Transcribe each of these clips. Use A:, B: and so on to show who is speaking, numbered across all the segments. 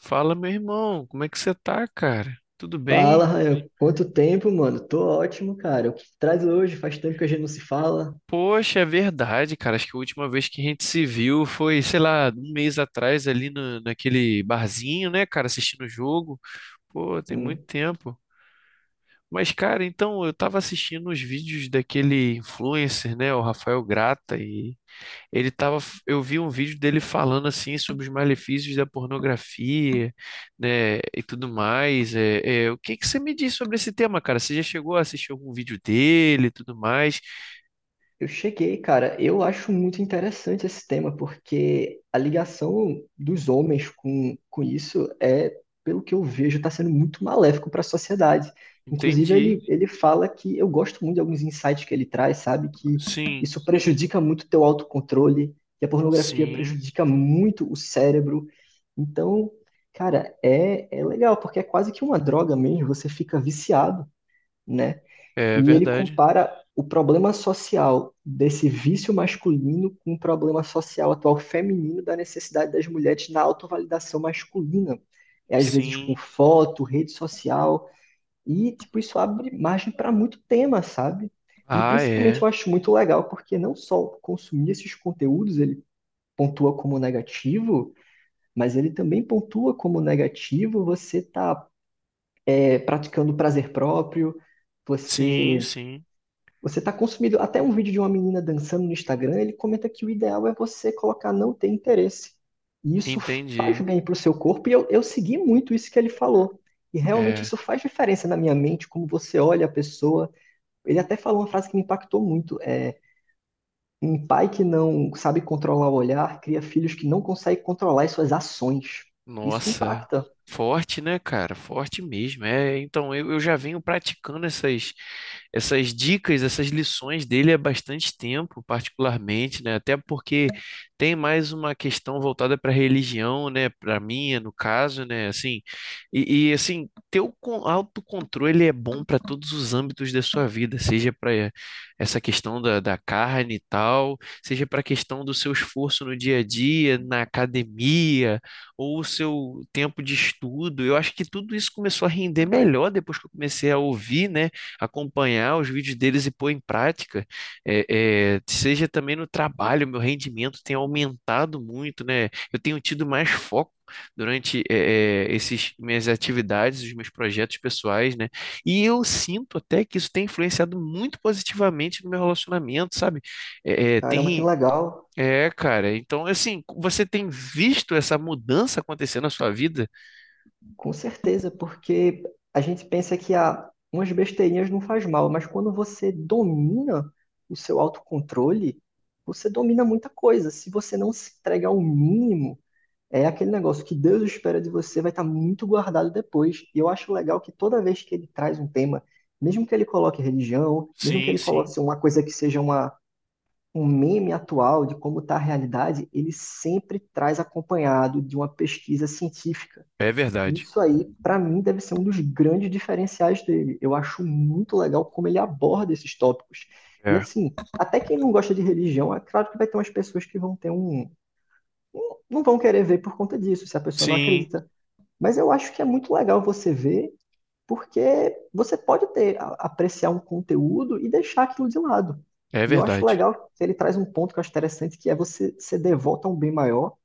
A: Fala, meu irmão, como é que você tá, cara? Tudo
B: Fala,
A: bem?
B: Rael. Quanto tempo, mano? Tô ótimo, cara. O que traz hoje? Faz tempo que a gente não se fala.
A: Poxa, é verdade, cara. Acho que a última vez que a gente se viu foi, sei lá, um mês atrás ali no, naquele barzinho, né, cara, assistindo o jogo. Pô, tem muito
B: Hum.
A: tempo. Mas, cara, então eu tava assistindo os vídeos daquele influencer, né, o Rafael Grata, e ele tava, eu vi um vídeo dele falando assim sobre os malefícios da pornografia, né, e tudo mais. O que que você me diz sobre esse tema, cara? Você já chegou a assistir algum vídeo dele e tudo mais?
B: Eu cheguei, cara. Eu acho muito interessante esse tema, porque a ligação dos homens com isso pelo que eu vejo, está sendo muito maléfico para a sociedade. Inclusive,
A: Entendi.
B: ele fala que eu gosto muito de alguns insights que ele traz, sabe? Que
A: Sim,
B: isso prejudica muito o teu autocontrole, que a pornografia
A: sim,
B: prejudica muito o cérebro. Então, cara, é legal, porque é quase que uma droga mesmo, você fica viciado, né?
A: é
B: E ele
A: verdade.
B: compara o problema social desse vício masculino com o problema social atual feminino da necessidade das mulheres na autovalidação masculina. É, às vezes com
A: Sim.
B: foto, rede social, e tipo, isso abre margem para muito tema, sabe? E
A: Ah,
B: principalmente
A: é.
B: eu acho muito legal, porque não só consumir esses conteúdos ele pontua como negativo, mas ele também pontua como negativo você tá praticando prazer próprio,
A: Sim,
B: você
A: sim.
B: você está consumindo até um vídeo de uma menina dançando no Instagram. Ele comenta que o ideal é você colocar não ter interesse. E isso faz
A: Entendi.
B: bem para o seu corpo, e eu segui muito isso que ele falou. E realmente
A: É.
B: isso faz diferença na minha mente, como você olha a pessoa. Ele até falou uma frase que me impactou muito: um pai que não sabe controlar o olhar cria filhos que não conseguem controlar as suas ações. Isso
A: Nossa,
B: impacta.
A: forte, né, cara? Forte mesmo. É, então eu já venho praticando essas, essas dicas, essas lições dele há bastante tempo, particularmente, né? Até porque tem mais uma questão voltada para religião, né? Para minha, no caso, né? Assim, assim, ter o autocontrole é bom para todos os âmbitos da sua vida, seja para essa questão da carne e tal, seja para a questão do seu esforço no dia a dia, na academia ou o seu tempo de estudo. Eu acho que tudo isso começou a render melhor depois que eu comecei a ouvir, né, acompanhar os vídeos deles e pôr em prática. É, seja também no trabalho, meu rendimento tem aumentado muito, né? Eu tenho tido mais foco durante esses minhas atividades, os meus projetos pessoais, né? E eu sinto até que isso tem influenciado muito positivamente no meu relacionamento, sabe? Eh, eh,
B: Caramba, que
A: tem
B: legal.
A: é, cara. Então, assim, você tem visto essa mudança acontecer na sua vida?
B: Com certeza, porque a gente pensa que ah, umas besteirinhas não faz mal, mas quando você domina o seu autocontrole, você domina muita coisa. Se você não se entrega ao mínimo, é aquele negócio que Deus espera de você, vai estar muito guardado depois. E eu acho legal que toda vez que ele traz um tema, mesmo que ele coloque religião, mesmo que
A: Sim,
B: ele coloque
A: sim.
B: assim, uma coisa que seja uma, um meme atual de como está a realidade, ele sempre traz acompanhado de uma pesquisa científica.
A: É verdade.
B: Isso aí, pra mim, deve ser um dos grandes diferenciais dele. Eu acho muito legal como ele aborda esses tópicos. E
A: É.
B: assim, até quem não gosta de religião, é claro que vai ter umas pessoas que vão ter não vão querer ver por conta disso, se a pessoa não
A: Sim,
B: acredita. Mas eu acho que é muito legal você ver, porque você pode ter, apreciar um conteúdo e deixar aquilo de lado.
A: é
B: E eu acho
A: verdade.
B: legal que ele traz um ponto que eu acho interessante, que é você ser devoto a um bem maior,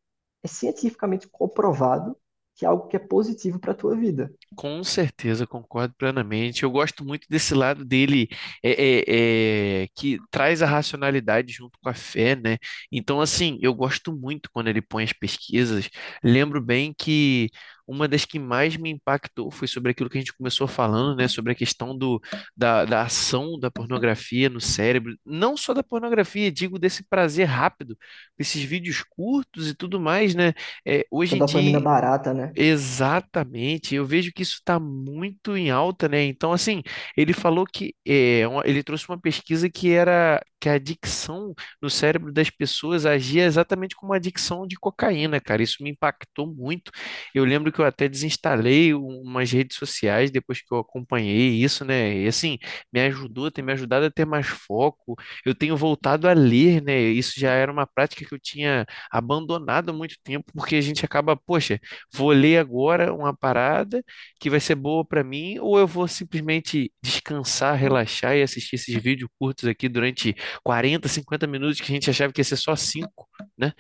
B: é cientificamente comprovado que é algo que é positivo para a tua vida.
A: Com certeza, concordo plenamente. Eu gosto muito desse lado dele, é, que traz a racionalidade junto com a fé, né? Então, assim, eu gosto muito quando ele põe as pesquisas. Lembro bem que uma das que mais me impactou foi sobre aquilo que a gente começou falando, né? Sobre a questão da ação da pornografia no cérebro. Não só da pornografia, digo desse prazer rápido, esses vídeos curtos e tudo mais, né? É,
B: Essa
A: hoje em dia.
B: dopamina barata, né?
A: Exatamente, eu vejo que isso está muito em alta, né? Então, assim, ele falou que ele trouxe uma pesquisa que era que a adicção no cérebro das pessoas agia exatamente como a adicção de cocaína, cara. Isso me impactou muito. Eu lembro que eu até desinstalei umas redes sociais depois que eu acompanhei isso, né? E assim, me ajudou, tem me ajudado a ter mais foco. Eu tenho voltado a ler, né? Isso já era uma prática que eu tinha abandonado há muito tempo, porque a gente acaba, poxa. Vou ler agora uma parada que vai ser boa para mim, ou eu vou simplesmente descansar, relaxar e assistir esses vídeos curtos aqui durante 40, 50 minutos que a gente achava que ia ser só 5, né?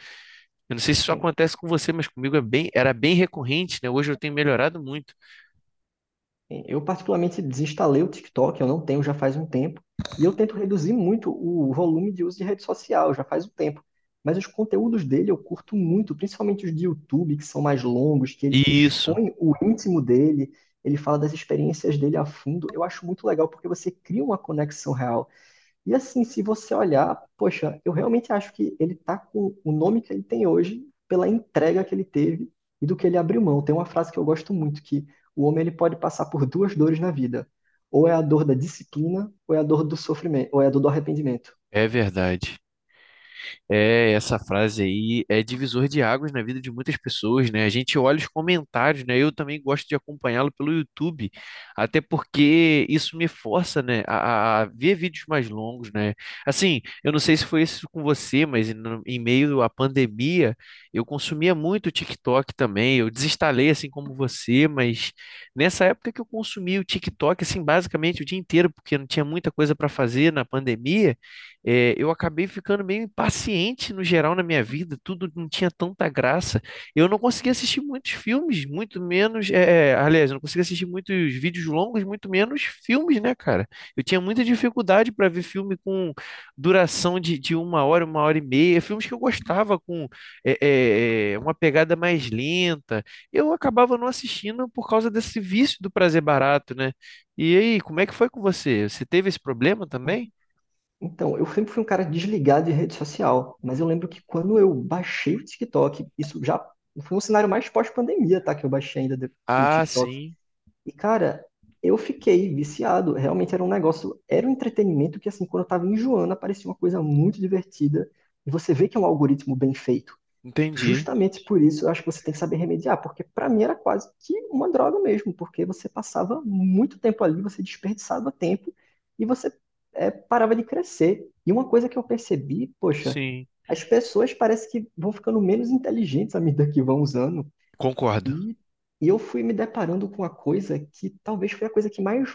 A: Eu não sei se isso acontece com você, mas comigo é bem, era bem recorrente, né? Hoje eu tenho melhorado muito.
B: Eu particularmente desinstalei o TikTok, eu não tenho já faz um tempo, e eu tento reduzir muito o volume de uso de rede social, já faz um tempo. Mas os conteúdos dele eu curto muito, principalmente os de YouTube, que são mais longos, que ele
A: Isso,
B: expõe o íntimo dele, ele fala das experiências dele a fundo. Eu acho muito legal porque você cria uma conexão real. E assim, se você olhar, poxa, eu realmente acho que ele tá com o nome que ele tem hoje pela entrega que ele teve e do que ele abriu mão. Tem uma frase que eu gosto muito, que o homem ele pode passar por duas dores na vida. Ou é a dor da disciplina, ou é a dor do sofrimento, ou é a dor do arrependimento.
A: é verdade. É, essa frase aí é divisor de águas na vida de muitas pessoas, né? A gente olha os comentários, né? Eu também gosto de acompanhá-lo pelo YouTube, até porque isso me força, né, a ver vídeos mais longos, né? Assim, eu não sei se foi isso com você, mas em meio à pandemia, eu consumia muito o TikTok também. Eu desinstalei, assim como você, mas nessa época que eu consumia o TikTok, assim, basicamente o dia inteiro, porque não tinha muita coisa para fazer na pandemia, é, eu acabei ficando meio impaciente no geral na minha vida, tudo não tinha tanta graça. Eu não conseguia assistir muitos filmes, muito menos. É, aliás, eu não conseguia assistir muitos vídeos longos, muito menos filmes, né, cara? Eu tinha muita dificuldade para ver filme com duração de uma hora e meia, filmes que eu gostava com uma pegada mais lenta. Eu acabava não assistindo por causa desse vício do prazer barato, né? E aí, como é que foi com você? Você teve esse problema também?
B: Então, eu sempre fui um cara desligado de rede social, mas eu lembro que quando eu baixei o TikTok, isso já foi um cenário mais pós-pandemia, tá? Que eu baixei o
A: Ah,
B: TikTok.
A: sim.
B: E, cara, eu fiquei viciado. Realmente era um negócio, era um entretenimento que, assim, quando eu tava enjoando, aparecia uma coisa muito divertida. E você vê que é um algoritmo bem feito.
A: Entendi.
B: Justamente por isso, eu acho que você tem que saber remediar, porque pra mim era quase que uma droga mesmo, porque você passava muito tempo ali, você desperdiçava tempo e parava de crescer. E uma coisa que eu percebi, poxa,
A: Sim.
B: as pessoas parece que vão ficando menos inteligentes à medida que vão usando.
A: Concordo.
B: E, e eu fui me deparando com uma coisa que talvez foi a coisa que mais,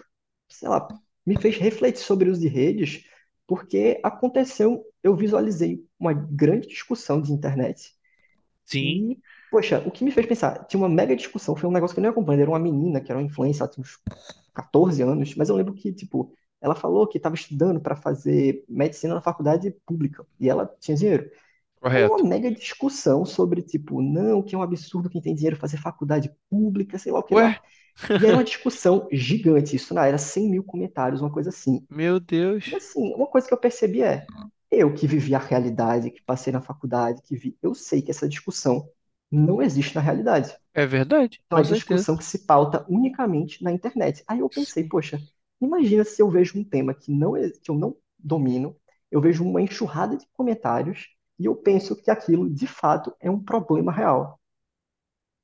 B: sei lá, me fez refletir sobre o uso de redes, porque aconteceu, eu visualizei uma grande discussão de internet
A: Sim.
B: e, poxa, o que me fez pensar, tinha uma mega discussão, foi um negócio que eu nem acompanhei, era uma menina que era uma influencer, ela tinha uns 14 anos, mas eu lembro que, tipo, ela falou que estava estudando para fazer medicina na faculdade pública e ela tinha dinheiro. Aí uma
A: Correto.
B: mega discussão sobre, tipo, não, que é um absurdo quem tem dinheiro fazer faculdade pública, sei lá o que
A: Ué,
B: lá. E era uma discussão gigante, isso na era 100 mil comentários, uma coisa assim.
A: meu
B: E
A: Deus.
B: assim, uma coisa que eu percebi é, eu que vivi a realidade, que passei na faculdade, que vi, eu sei que essa discussão não existe na realidade.
A: É verdade,
B: Então
A: com
B: é
A: certeza.
B: discussão que se pauta unicamente na internet. Aí eu pensei,
A: Sim.
B: poxa, imagina se eu vejo um tema que que eu não domino, eu vejo uma enxurrada de comentários e eu penso que aquilo de fato é um problema real.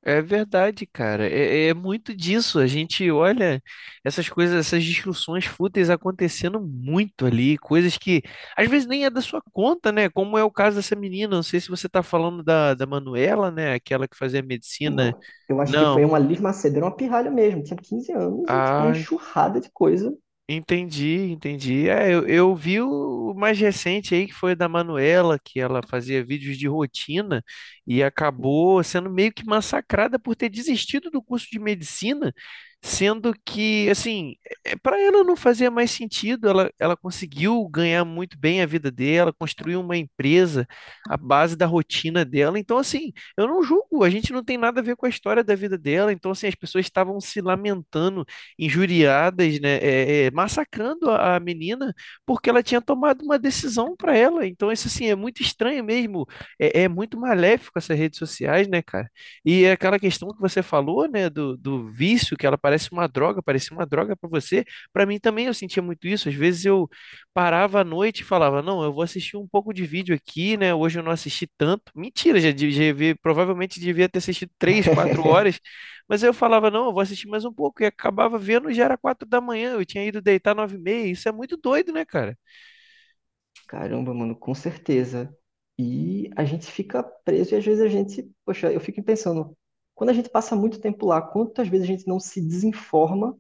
A: É verdade, cara. É, é muito disso. A gente olha essas coisas, essas discussões fúteis acontecendo muito ali, coisas que às vezes nem é da sua conta, né? Como é o caso dessa menina. Não sei se você tá falando da Manuela, né? Aquela que fazia medicina.
B: Não, eu acho que foi
A: Não.
B: uma Liz Macedo, era uma pirralha mesmo, tinha 15 anos e tipo uma
A: Ah,
B: enxurrada de coisa.
A: entendi, entendi. É, eu vi o mais recente aí, que foi da Manuela, que ela fazia vídeos de rotina e acabou sendo meio que massacrada por ter desistido do curso de medicina, sendo que, assim, para ela não fazia mais sentido. Ela conseguiu ganhar muito bem a vida dela, construiu uma empresa à base da rotina dela. Então, assim, eu não julgo, a gente não tem nada a ver com a história da vida dela. Então, assim, as pessoas estavam se lamentando injuriadas, né, massacrando a menina porque ela tinha tomado uma decisão para ela. Então, isso assim é muito estranho mesmo. É, é muito maléfico essas redes sociais, né, cara? E é aquela questão que você falou, né, do vício, que ela parece uma droga, parecia uma droga para você. Para mim também eu sentia muito isso. Às vezes eu parava à noite e falava: "Não, eu vou assistir um pouco de vídeo aqui, né? Hoje eu não assisti tanto." Mentira, já provavelmente devia ter assistido 3, 4 horas, mas aí eu falava: "Não, eu vou assistir mais um pouco." E acabava vendo, já era 4 da manhã. Eu tinha ido deitar 9 e meia. Isso é muito doido, né, cara?
B: Caramba, mano, com certeza. E a gente fica preso e às vezes a gente, poxa, eu fico pensando, quando a gente passa muito tempo lá, quantas vezes a gente não se desinforma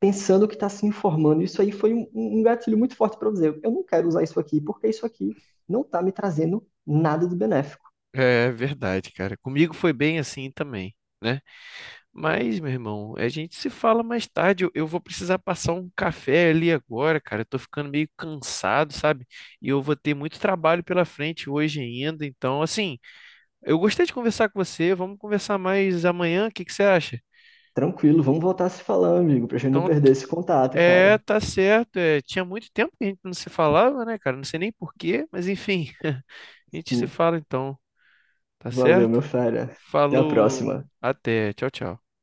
B: pensando que está se informando. Isso aí foi um gatilho muito forte para eu dizer, eu não quero usar isso aqui, porque isso aqui não está me trazendo nada de benéfico.
A: É verdade, cara. Comigo foi bem assim também, né? Mas, meu irmão, a gente se fala mais tarde. Eu vou precisar passar um café ali agora, cara. Eu tô ficando meio cansado, sabe? E eu vou ter muito trabalho pela frente hoje ainda. Então, assim, eu gostei de conversar com você. Vamos conversar mais amanhã. O que que você acha?
B: Tranquilo, vamos voltar a se falar, amigo, para a gente não
A: Então,
B: perder esse contato,
A: é,
B: cara.
A: tá certo. É, tinha muito tempo que a gente não se falava, né, cara? Não sei nem por quê, mas enfim, a gente se
B: Sim.
A: fala então, tá
B: Valeu,
A: certo?
B: meu fera. Até a
A: Falou,
B: próxima.
A: até, tchau, tchau.